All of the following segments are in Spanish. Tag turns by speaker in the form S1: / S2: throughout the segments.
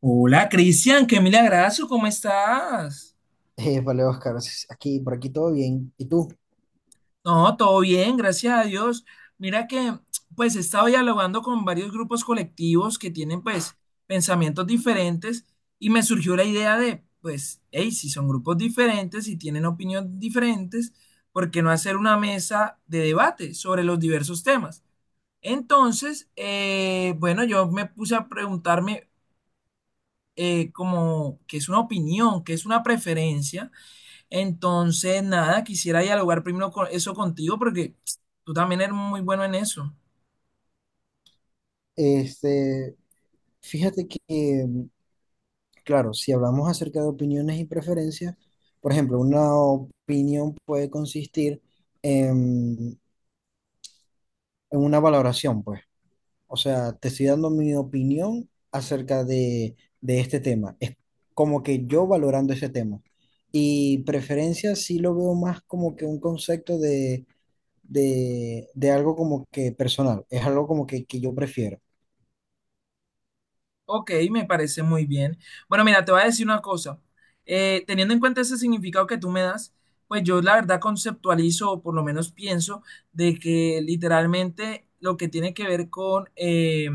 S1: Hola, Cristian, qué milagrazo, ¿cómo estás?
S2: Vale, Oscar, aquí, por aquí todo bien. ¿Y tú?
S1: No, todo bien, gracias a Dios. Mira que, pues, he estado dialogando con varios grupos colectivos que tienen, pues, pensamientos diferentes y me surgió la idea de, pues, hey, si son grupos diferentes y tienen opiniones diferentes, ¿por qué no hacer una mesa de debate sobre los diversos temas? Entonces, bueno, yo me puse a preguntarme como qué es una opinión, qué es una preferencia. Entonces, nada, quisiera dialogar primero con eso contigo porque tú también eres muy bueno en eso.
S2: Este, fíjate que, claro, si hablamos acerca de opiniones y preferencias, por ejemplo, una opinión puede consistir en, en una valoración, pues. O sea, te estoy dando mi opinión de este tema. Es como que yo valorando ese tema. Y preferencia sí lo veo más como que un concepto de algo como que personal. Es algo como que yo prefiero.
S1: Ok, me parece muy bien. Bueno, mira, te voy a decir una cosa. Teniendo en cuenta ese significado que tú me das, pues yo la verdad conceptualizo, o por lo menos pienso, de que literalmente lo que tiene que ver con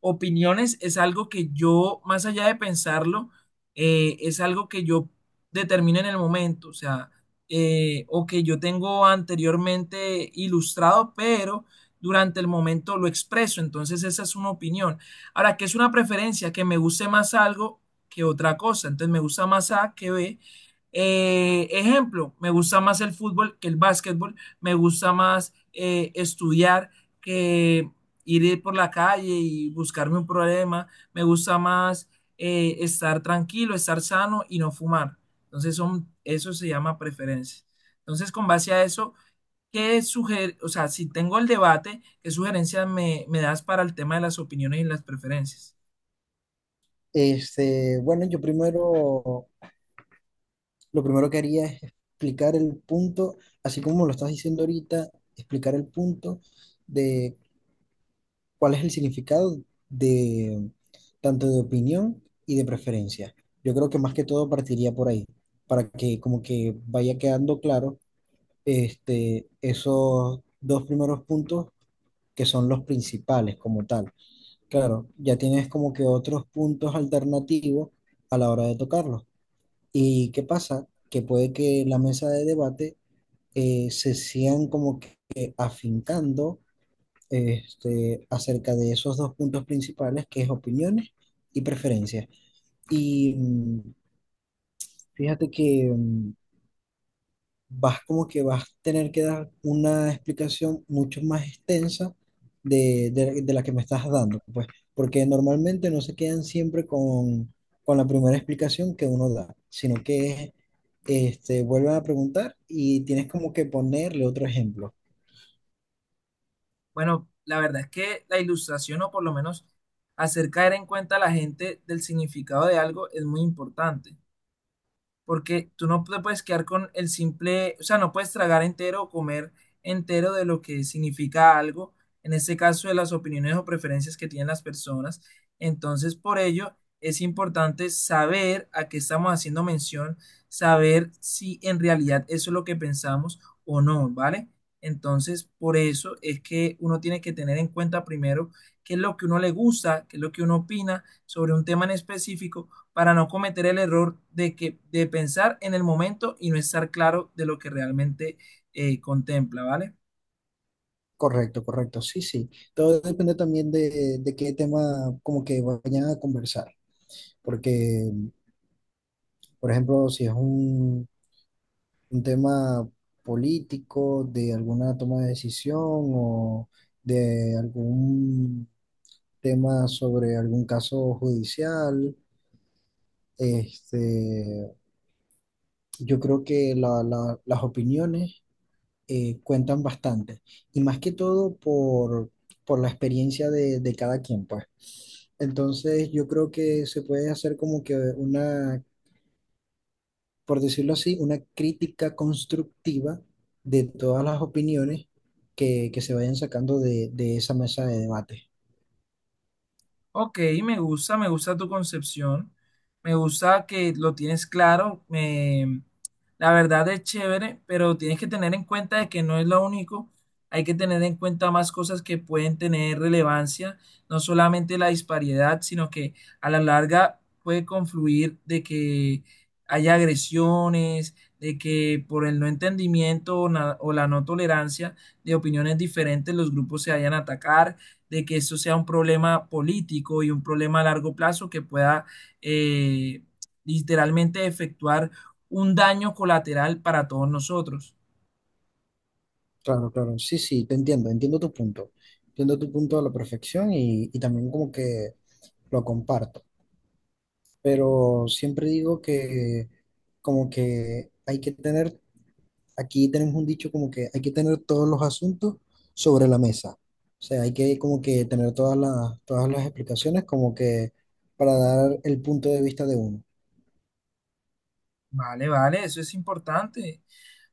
S1: opiniones, es algo que yo, más allá de pensarlo, es algo que yo determino en el momento, o sea, o que yo tengo anteriormente ilustrado, pero durante el momento lo expreso, entonces esa es una opinión. Ahora, ¿qué es una preferencia? Que me guste más algo que otra cosa. Entonces, me gusta más A que B. Ejemplo, me gusta más el fútbol que el básquetbol, me gusta más estudiar que ir por la calle y buscarme un problema, me gusta más estar tranquilo, estar sano y no fumar. Entonces, son, eso se llama preferencia. Entonces, con base a eso, o sea, si tengo el debate, ¿qué sugerencias me das para el tema de las opiniones y las preferencias?
S2: Bueno, yo primero, lo primero que haría es explicar el punto, así como lo estás diciendo ahorita, explicar el punto de cuál es el significado de tanto de opinión y de preferencia. Yo creo que más que todo partiría por ahí, para que como que vaya quedando claro esos dos primeros puntos que son los principales como tal. Claro, ya tienes como que otros puntos alternativos a la hora de tocarlos. ¿Y qué pasa? Que puede que la mesa de debate se sigan como que afincando acerca de esos dos puntos principales, que es opiniones y preferencias. Y fíjate que vas como que vas a tener que dar una explicación mucho más extensa de la que me estás dando, pues, porque normalmente no se quedan siempre con la primera explicación que uno da, sino que vuelven a preguntar y tienes como que ponerle otro ejemplo.
S1: Bueno, la verdad es que la ilustración, o por lo menos hacer caer en cuenta a la gente del significado de algo, es muy importante, porque tú no te puedes quedar con el simple, o sea, no puedes tragar entero o comer entero de lo que significa algo, en este caso de las opiniones o preferencias que tienen las personas. Entonces, por ello, es importante saber a qué estamos haciendo mención, saber si en realidad eso es lo que pensamos o no, ¿vale? Entonces, por eso es que uno tiene que tener en cuenta primero qué es lo que uno le gusta, qué es lo que uno opina sobre un tema en específico, para no cometer el error de, que, de pensar en el momento y no estar claro de lo que realmente contempla, ¿vale?
S2: Correcto, correcto, sí, sí. Todo depende también de qué tema como que vayan a conversar, porque, por ejemplo, si es un tema político, de alguna toma de decisión o de algún tema sobre algún caso judicial. Este, yo creo que las opiniones cuentan bastante y más que todo por la experiencia de cada quien, pues. Entonces yo creo que se puede hacer como que una por decirlo así, una crítica constructiva de todas las opiniones que se vayan sacando de esa mesa de debate.
S1: Ok, me gusta tu concepción, me gusta que lo tienes claro, la verdad es chévere, pero tienes que tener en cuenta de que no es lo único, hay que tener en cuenta más cosas que pueden tener relevancia, no solamente la disparidad, sino que a la larga puede confluir de que haya agresiones, de que por el no entendimiento o la no tolerancia de opiniones diferentes los grupos se vayan a atacar, de que eso sea un problema político y un problema a largo plazo que pueda eh, literalmente efectuar un daño colateral para todos nosotros.
S2: Claro, claro, sí, sí, te entiendo, entiendo tu punto a la perfección y también como que lo comparto, pero siempre digo que como que hay que tener aquí tenemos un dicho como que hay que tener todos los asuntos sobre la mesa. O sea, hay que como que tener todas las explicaciones como que para dar el punto de vista de uno.
S1: Vale, vale, eso es importante.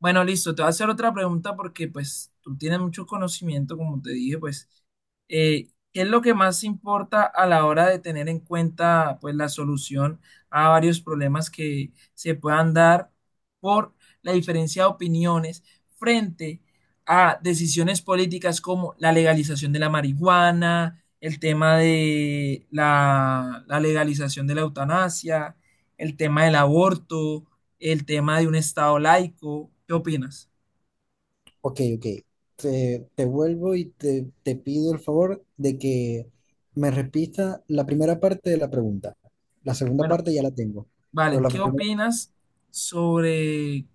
S1: Bueno, listo, te voy a hacer otra pregunta porque pues tú tienes mucho conocimiento, como te dije, pues, eh, ¿qué es lo que más importa a la hora de tener en cuenta pues la solución a varios problemas que se puedan dar por la diferencia de opiniones frente a decisiones políticas como la legalización de la marihuana, el tema de la legalización de la eutanasia, el tema del aborto, el tema de un Estado laico? ¿Qué opinas?
S2: Ok, ok. Te vuelvo y te pido el favor de que me repita la primera parte de la pregunta. La segunda
S1: Bueno,
S2: parte ya la tengo. Pero
S1: vale,
S2: la
S1: ¿qué
S2: primera,
S1: opinas sobre,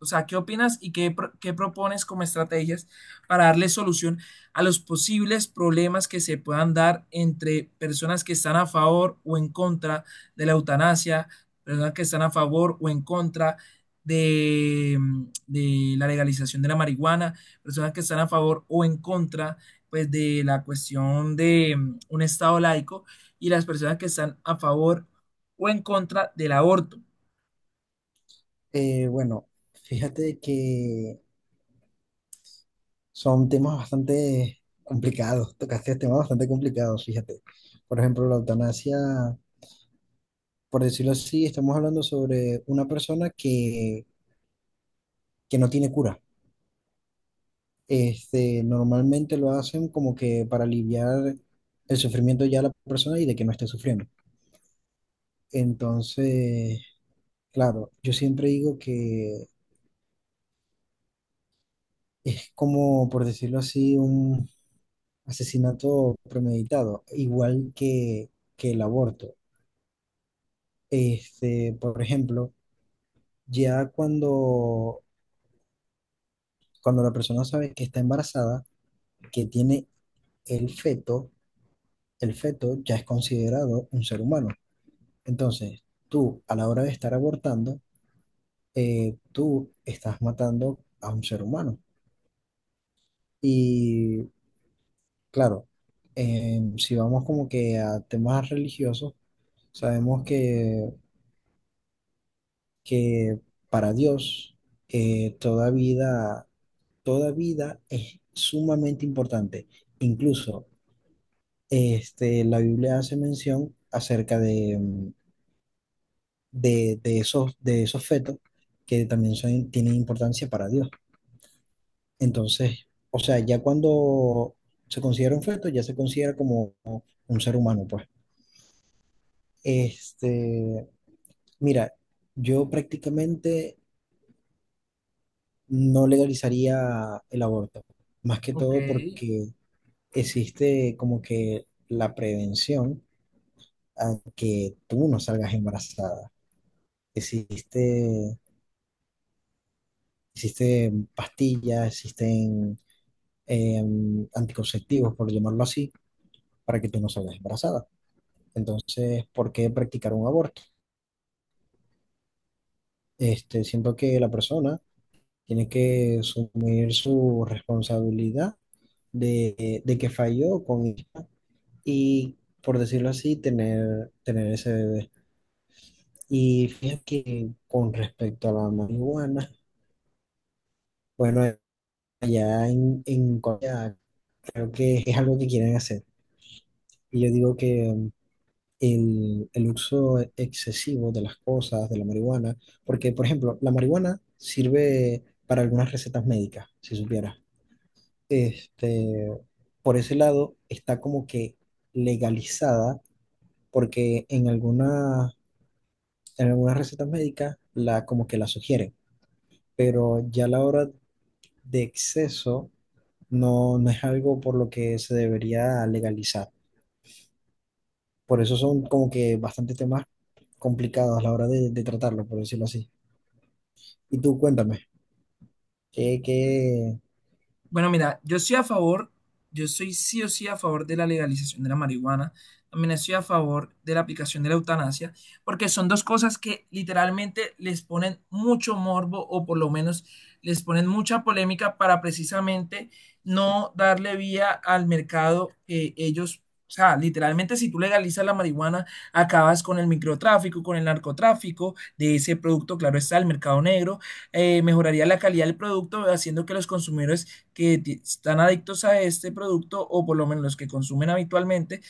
S1: o sea, qué opinas y qué propones como estrategias para darle solución a los posibles problemas que se puedan dar entre personas que están a favor o en contra de la eutanasia, personas que están a favor o en contra de, de la legalización de la marihuana, personas que están a favor o en contra, pues, de la cuestión de un estado laico, y las personas que están a favor o en contra del aborto?
S2: bueno, fíjate que son temas bastante complicados, tocaste temas bastante complicados, fíjate. Por ejemplo, la eutanasia, por decirlo así, estamos hablando sobre una persona que no tiene cura. Normalmente lo hacen como que para aliviar el sufrimiento ya de la persona y de que no esté sufriendo. Entonces, claro, yo siempre digo que es como, por decirlo así, un asesinato premeditado, igual que el aborto. Por ejemplo, ya cuando la persona sabe que está embarazada, que tiene el feto, el feto ya es considerado un ser humano. Entonces, tú a la hora de estar abortando, tú estás matando a un ser humano. Y claro, si vamos como que a temas religiosos, sabemos que para Dios eh, toda vida, toda vida es sumamente importante. Incluso la Biblia hace mención acerca de, de, de esos fetos que también son, tienen importancia para Dios. Entonces, o sea, ya cuando se considera un feto, ya se considera como un ser humano, pues. Este, mira, yo prácticamente no legalizaría el aborto, más que
S1: Ok,
S2: todo porque existe como que la prevención a que tú no salgas embarazada existe. Existen pastillas, existen eh, anticonceptivos, por llamarlo así, para que tú no salgas embarazada. Entonces, ¿por qué practicar un aborto? Siento que la persona tiene que asumir su responsabilidad de que falló con ella y, por decirlo así, tener ese bebé. Y fíjate que con respecto a la marihuana, bueno, allá en Corea creo que es algo que quieren hacer. Y yo digo que el uso excesivo de las cosas, de la marihuana, porque, por ejemplo, la marihuana sirve para algunas recetas médicas, si supieras. Este, por ese lado, está como que legalizada, porque en algunas recetas médicas la, como que la sugieren, pero ya a la hora de exceso no, no es algo por lo que se debería legalizar. Por eso son como que bastante temas complicados a la hora de tratarlo, por decirlo así. Y tú cuéntame, que, que,
S1: bueno, mira, yo estoy a favor, yo estoy sí o sí a favor de la legalización de la marihuana, también estoy a favor de la aplicación de la eutanasia, porque son dos cosas que literalmente les ponen mucho morbo o por lo menos les ponen mucha polémica para precisamente no darle vía al mercado que ellos, o sea, literalmente si tú legalizas la marihuana, acabas con el microtráfico, con el narcotráfico de ese producto, claro está, el mercado negro mejoraría la calidad del producto, haciendo que los consumidores que están adictos a este producto o por lo menos los que consumen habitualmente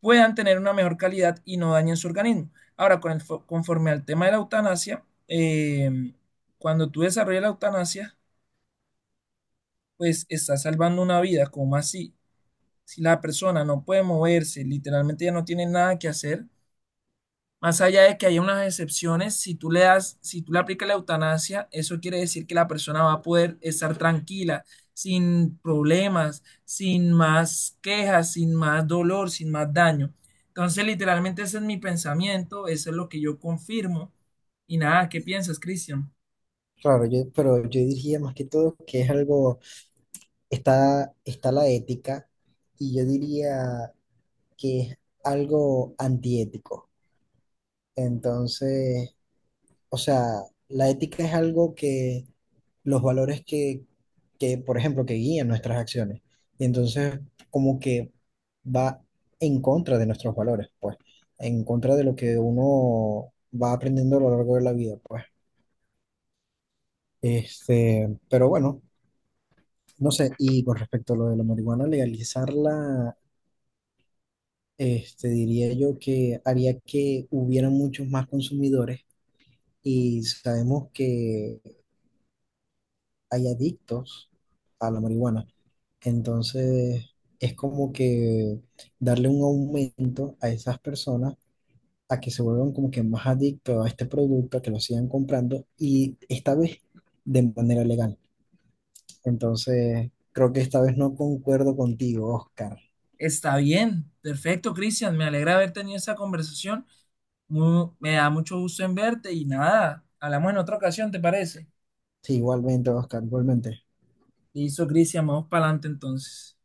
S1: puedan tener una mejor calidad y no dañen su organismo. Ahora, conforme al tema de la eutanasia, cuando tú desarrollas la eutanasia, pues estás salvando una vida. ¿Cómo así? Si la persona no puede moverse, literalmente ya no tiene nada que hacer. Más allá de que haya unas excepciones, si tú le das, si tú le aplicas la eutanasia, eso quiere decir que la persona va a poder estar tranquila, sin problemas, sin más quejas, sin más dolor, sin más daño. Entonces, literalmente ese es mi pensamiento, eso es lo que yo confirmo. Y nada, ¿qué piensas, Cristian?
S2: claro, yo, pero yo diría más que todo que es algo, está la ética y yo diría que es algo antiético. Entonces, o sea, la ética es algo los valores por ejemplo, que guían nuestras acciones. Y entonces, como que va en contra de nuestros valores, pues, en contra de lo que uno va aprendiendo a lo largo de la vida, pues. Pero bueno, no sé, y con respecto a lo de la marihuana, legalizarla, diría yo que haría que hubiera muchos más consumidores y sabemos que hay adictos a la marihuana. Entonces, es como que darle un aumento a esas personas a que se vuelvan como que más adictos a este producto, a que lo sigan comprando y esta vez de manera legal. Entonces, creo que esta vez no concuerdo contigo, Oscar.
S1: Está bien, perfecto, Cristian, me alegra haber tenido esta conversación. Me da mucho gusto en verte y nada, hablamos en otra ocasión, ¿te parece?
S2: Sí, igualmente, Oscar, igualmente.
S1: Listo, Cristian, vamos para adelante entonces.